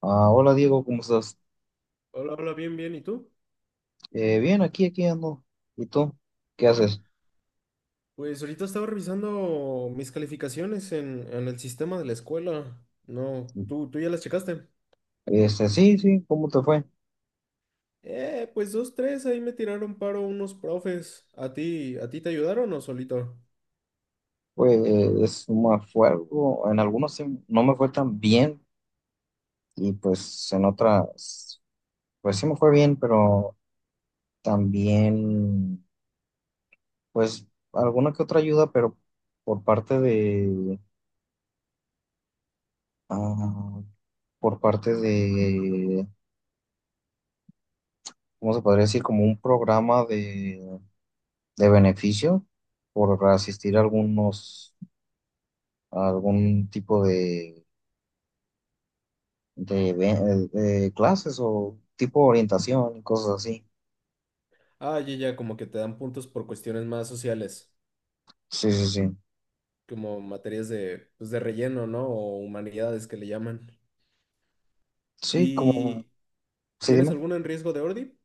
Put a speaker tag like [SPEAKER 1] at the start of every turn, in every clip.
[SPEAKER 1] Ah, hola Diego, ¿cómo estás?
[SPEAKER 2] Hola, hola, bien, bien. ¿Y tú?
[SPEAKER 1] Bien, aquí ando. ¿Y tú? ¿Qué haces?
[SPEAKER 2] Pues ahorita estaba revisando mis calificaciones en el sistema de la escuela. No, ¿tú ya las checaste?
[SPEAKER 1] Sí, sí, ¿cómo te fue?
[SPEAKER 2] Pues dos, tres, ahí me tiraron paro unos profes. ¿A ti te ayudaron o solito?
[SPEAKER 1] Pues es me fue algo, en algunos sí no me fue tan bien y pues en otras, pues sí me fue bien, pero también, pues alguna que otra ayuda, pero por parte ah, por parte de, ¿cómo se podría decir? Como un programa de beneficio por asistir a algunos, algún tipo de, de clases o tipo de orientación y cosas así.
[SPEAKER 2] Ah, ya, ya, como que te dan puntos por cuestiones más sociales,
[SPEAKER 1] Sí, sí, sí.
[SPEAKER 2] como materias de, pues, de relleno, ¿no? O humanidades que le llaman.
[SPEAKER 1] Sí, como,
[SPEAKER 2] ¿Y
[SPEAKER 1] sí,
[SPEAKER 2] tienes
[SPEAKER 1] dime.
[SPEAKER 2] alguna en riesgo de ordi?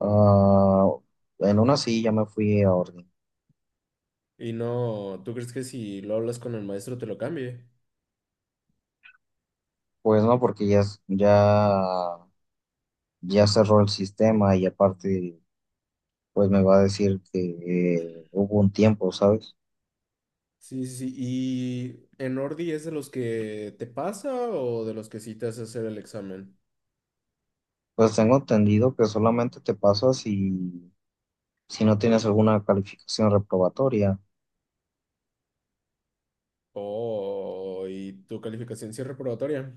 [SPEAKER 1] Ah, en una sí ya me fui a orden.
[SPEAKER 2] Y no, ¿tú crees que si lo hablas con el maestro te lo cambie?
[SPEAKER 1] Pues no, porque ya, ya, ya cerró el sistema y aparte, pues me va a decir que hubo un tiempo, ¿sabes?
[SPEAKER 2] Sí, sí, sí. ¿Y en Ordi es de los que te pasa o de los que sí te hace hacer el examen?
[SPEAKER 1] Pues tengo entendido que solamente te pasa si no tienes alguna calificación reprobatoria.
[SPEAKER 2] Oh, ¿y tu calificación sí es reprobatoria?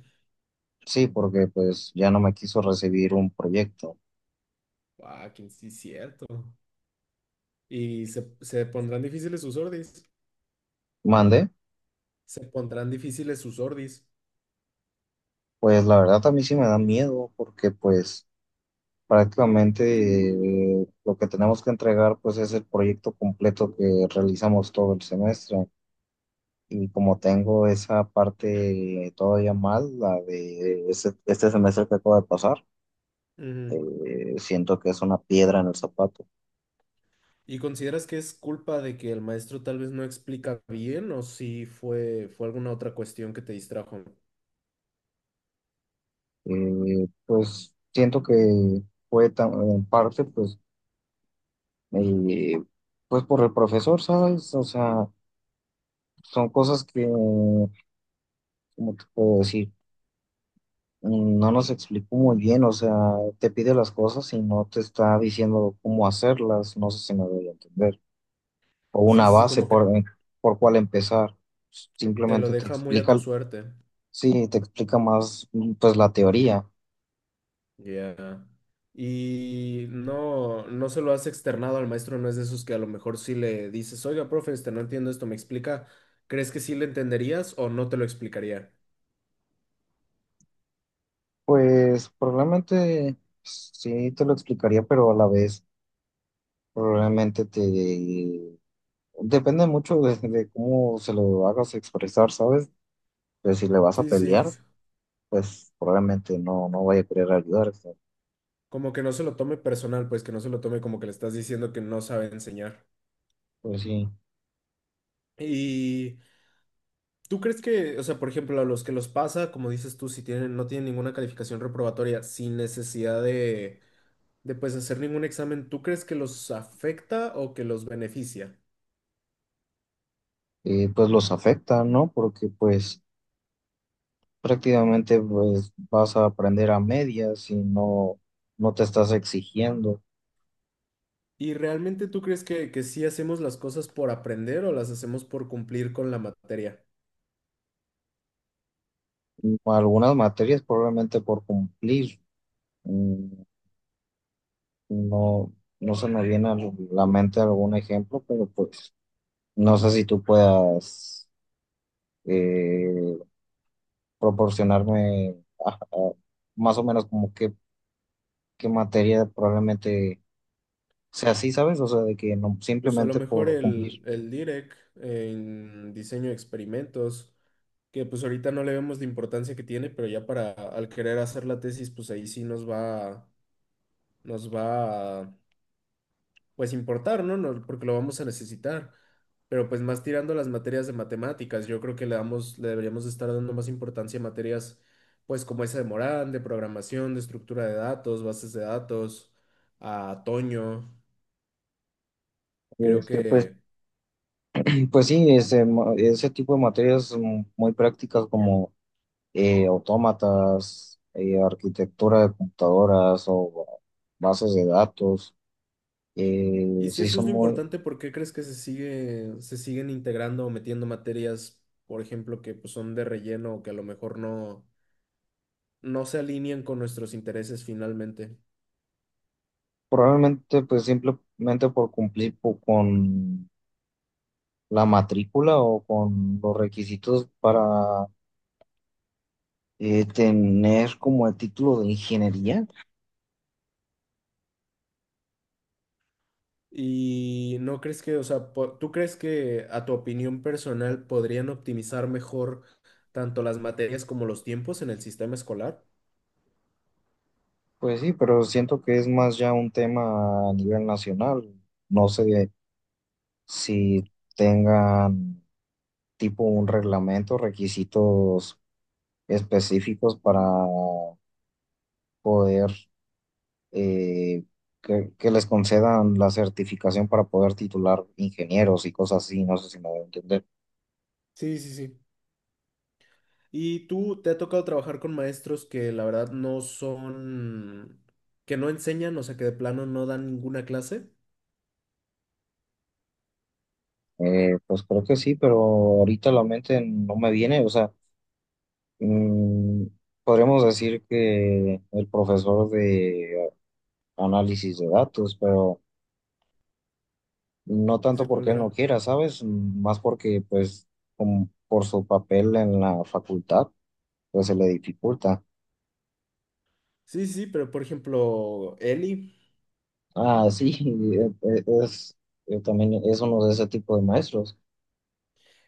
[SPEAKER 1] Sí, porque pues ya no me quiso recibir un proyecto.
[SPEAKER 2] Ah, que sí, cierto. ¿Y se pondrán difíciles sus Ordis?
[SPEAKER 1] Mande,
[SPEAKER 2] Se pondrán difíciles sus Ordis.
[SPEAKER 1] pues la verdad a mí sí me da miedo porque pues prácticamente, lo que tenemos que entregar pues es el proyecto completo que realizamos todo el semestre y como tengo esa parte todavía mal, la de este semestre que acaba de pasar,
[SPEAKER 2] Ujú.
[SPEAKER 1] siento que es una piedra en el zapato.
[SPEAKER 2] ¿Y consideras que es culpa de que el maestro tal vez no explica bien o si fue alguna otra cuestión que te distrajo?
[SPEAKER 1] Pues siento que en parte pues, eh, pues por el profesor, ¿sabes? O sea, son cosas que ¿cómo te puedo decir? No nos explicó muy bien, o sea, te pide las cosas y no te está diciendo cómo hacerlas, no sé si me voy a entender, o
[SPEAKER 2] Sí,
[SPEAKER 1] una
[SPEAKER 2] sí, sí,
[SPEAKER 1] base
[SPEAKER 2] como que
[SPEAKER 1] por cuál empezar,
[SPEAKER 2] te lo
[SPEAKER 1] simplemente te
[SPEAKER 2] deja muy a tu
[SPEAKER 1] explica,
[SPEAKER 2] suerte.
[SPEAKER 1] sí, te explica más, pues, la teoría.
[SPEAKER 2] Ya. Y no, no se lo has externado al maestro, no es de esos que a lo mejor sí le dices, oiga, profe, este, no entiendo esto, ¿me explica? ¿Crees que sí le entenderías o no te lo explicaría?
[SPEAKER 1] Pues probablemente sí te lo explicaría, pero a la vez probablemente te depende mucho de cómo se lo hagas expresar, ¿sabes? De si le vas a
[SPEAKER 2] Sí,
[SPEAKER 1] pelear.
[SPEAKER 2] sí.
[SPEAKER 1] Pues probablemente no, no vaya a querer ayudarse.
[SPEAKER 2] Como que no se lo tome personal, pues que no se lo tome como que le estás diciendo que no sabe enseñar.
[SPEAKER 1] Pues sí,
[SPEAKER 2] ¿Y tú crees que, o sea, por ejemplo, a los que los pasa, como dices tú, si tienen, no tienen ninguna calificación reprobatoria, sin necesidad de pues hacer ningún examen, ¿tú crees que los afecta o que los beneficia?
[SPEAKER 1] y pues los afecta, ¿no? Porque pues prácticamente pues vas a aprender a medias no te estás exigiendo.
[SPEAKER 2] ¿Y realmente tú crees que sí hacemos las cosas por aprender o las hacemos por cumplir con la materia?
[SPEAKER 1] Algunas materias probablemente por cumplir, mm, no, no se me viene a la mente algún ejemplo, pero pues no sé si tú puedas, eh, proporcionarme, ah, ah, más o menos como qué, qué materia probablemente. O sea, sí, ¿sabes? O sea, de que no,
[SPEAKER 2] Pues a lo
[SPEAKER 1] simplemente
[SPEAKER 2] mejor
[SPEAKER 1] por cumplir.
[SPEAKER 2] el DIREC en diseño de experimentos, que pues ahorita no le vemos la importancia que tiene, pero ya para al querer hacer la tesis, pues ahí sí nos va a, pues importar, ¿no? No, porque lo vamos a necesitar. Pero pues más tirando a las materias de matemáticas, yo creo que le damos, le deberíamos estar dando más importancia a materias, pues como esa de Morán, de programación, de estructura de datos, bases de datos, a Toño, creo
[SPEAKER 1] Pues,
[SPEAKER 2] que...
[SPEAKER 1] pues sí, ese, ese tipo de materias, muy prácticas como, autómatas, arquitectura de computadoras o bases de datos,
[SPEAKER 2] Y si
[SPEAKER 1] sí
[SPEAKER 2] eso es
[SPEAKER 1] son
[SPEAKER 2] lo
[SPEAKER 1] muy,
[SPEAKER 2] importante, ¿por qué crees que se sigue, se siguen integrando o metiendo materias, por ejemplo, que pues, son de relleno o que a lo mejor no, no se alinean con nuestros intereses finalmente?
[SPEAKER 1] probablemente pues simplemente por cumplir con la matrícula o con los requisitos para, tener como el título de ingeniería.
[SPEAKER 2] ¿Y no crees que, o sea, po- tú crees que a tu opinión personal podrían optimizar mejor tanto las materias como los tiempos en el sistema escolar?
[SPEAKER 1] Pues sí, pero siento que es más ya un tema a nivel nacional. No sé si tengan tipo un reglamento, requisitos específicos para poder, eh, que les concedan la certificación para poder titular ingenieros y cosas así. No sé si me voy a entender.
[SPEAKER 2] Sí, sí, sí. Y tú te ha tocado trabajar con maestros que la verdad no son, que no enseñan, o sea, que de plano no dan ninguna clase.
[SPEAKER 1] Pues creo que sí, pero ahorita la mente no me viene. O sea, mm, podríamos decir que el profesor de análisis de datos, pero no tanto
[SPEAKER 2] ¿Ese cuál
[SPEAKER 1] porque él no
[SPEAKER 2] era?
[SPEAKER 1] quiera, ¿sabes? Más porque, pues, como por su papel en la facultad, pues se le dificulta.
[SPEAKER 2] Sí, sí, pero por ejemplo, Eli,
[SPEAKER 1] Ah, sí, es, yo también es uno de ese tipo de maestros,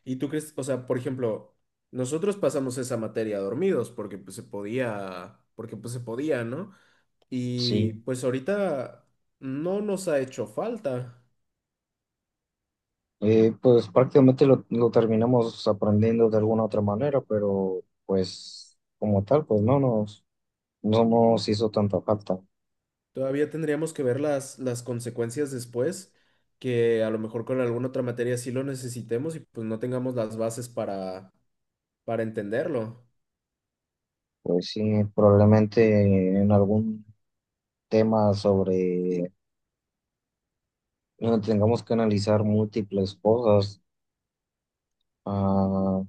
[SPEAKER 2] ¿y tú crees, o sea, por ejemplo, nosotros pasamos esa materia dormidos porque pues se podía, porque pues se podía, ¿no? Y
[SPEAKER 1] sí.
[SPEAKER 2] pues ahorita no nos ha hecho falta.
[SPEAKER 1] Pues prácticamente lo terminamos aprendiendo de alguna otra manera, pero pues como tal, pues no no nos hizo tanta falta.
[SPEAKER 2] Todavía tendríamos que ver las consecuencias después, que a lo mejor con alguna otra materia sí lo necesitemos y pues no tengamos las bases para entenderlo.
[SPEAKER 1] Pues sí, probablemente en algún tema sobre no tengamos que analizar múltiples cosas. Ah,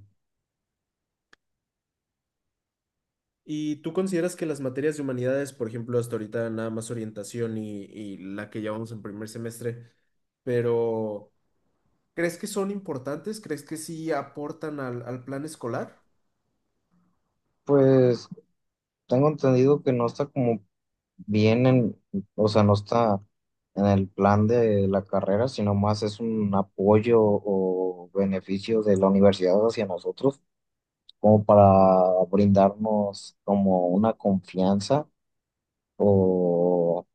[SPEAKER 2] ¿Y tú consideras que las materias de humanidades, por ejemplo, hasta ahorita nada más orientación y la que llevamos en primer semestre, pero ¿crees que son importantes? ¿Crees que sí aportan al, al plan escolar?
[SPEAKER 1] pues tengo entendido que no está como bien en, o sea, no está en el plan de la carrera, sino más es un apoyo o beneficio de la universidad hacia nosotros, como para brindarnos como una confianza o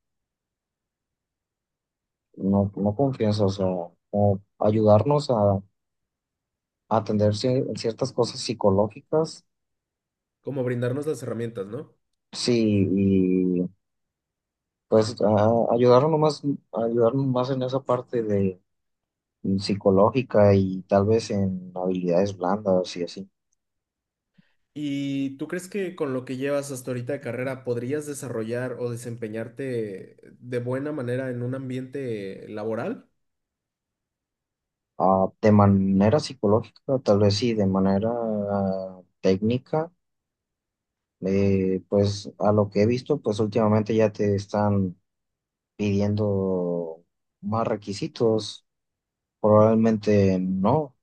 [SPEAKER 1] no, no confianza, o sea, como ayudarnos a atender ciertas cosas psicológicas.
[SPEAKER 2] Como brindarnos las herramientas, ¿no?
[SPEAKER 1] Sí, pues ayudarnos nomás, ayudarnos más en esa parte de, psicológica y tal vez en habilidades blandas y así.
[SPEAKER 2] ¿Y tú crees que con lo que llevas hasta ahorita de carrera podrías desarrollar o desempeñarte de buena manera en un ambiente laboral?
[SPEAKER 1] Ah, de manera psicológica, tal vez sí, de manera, técnica, pues a lo que he visto, pues últimamente ya te están pidiendo más requisitos, probablemente no.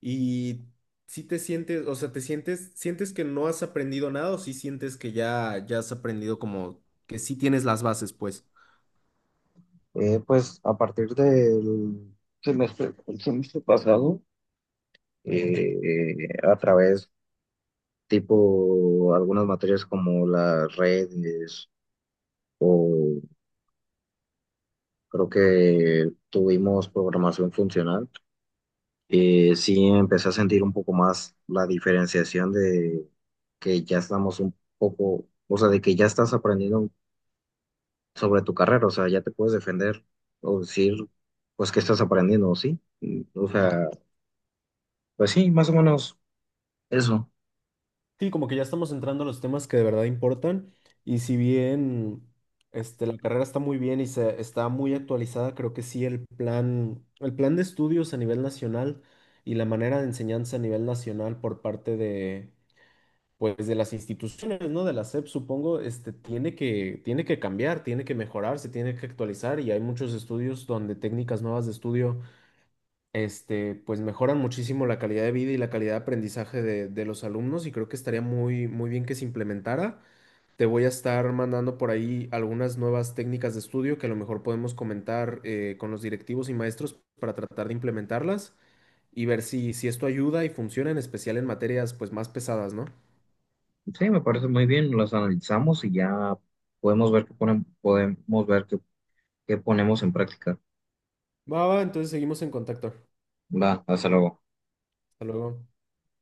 [SPEAKER 2] ¿Y si te sientes, o sea, te sientes, sientes que no has aprendido nada o si sientes que ya, ya has aprendido como que sí tienes las bases, pues?
[SPEAKER 1] Pues a partir del semestre pasado, a través tipo algunas materias como las redes o creo que tuvimos programación funcional, sí empecé a sentir un poco más la diferenciación de que ya estamos un poco, o sea, de que ya estás aprendiendo sobre tu carrera, o sea, ya te puedes defender o decir, pues, que estás aprendiendo, ¿sí? O sea, pues sí, más o menos eso.
[SPEAKER 2] Sí, como que ya estamos entrando a los temas que de verdad importan y si bien este, la carrera está muy bien y se, está muy actualizada, creo que sí el plan de estudios a nivel nacional y la manera de enseñanza a nivel nacional por parte de, pues, de las instituciones, ¿no? De la SEP, supongo, este, tiene que cambiar, tiene que mejorar, se tiene que actualizar y hay muchos estudios donde técnicas nuevas de estudio este, pues mejoran muchísimo la calidad de vida y la calidad de aprendizaje de los alumnos y creo que estaría muy, muy bien que se implementara. Te voy a estar mandando por ahí algunas nuevas técnicas de estudio que a lo mejor podemos comentar con los directivos y maestros para tratar de implementarlas y ver si, si esto ayuda y funciona, en especial en materias pues más pesadas, ¿no?
[SPEAKER 1] Sí, me parece muy bien, las analizamos y ya podemos ver que ponen podemos ver que ponemos en práctica.
[SPEAKER 2] Va, va, entonces seguimos en contacto.
[SPEAKER 1] Va, hasta luego.
[SPEAKER 2] Hasta luego.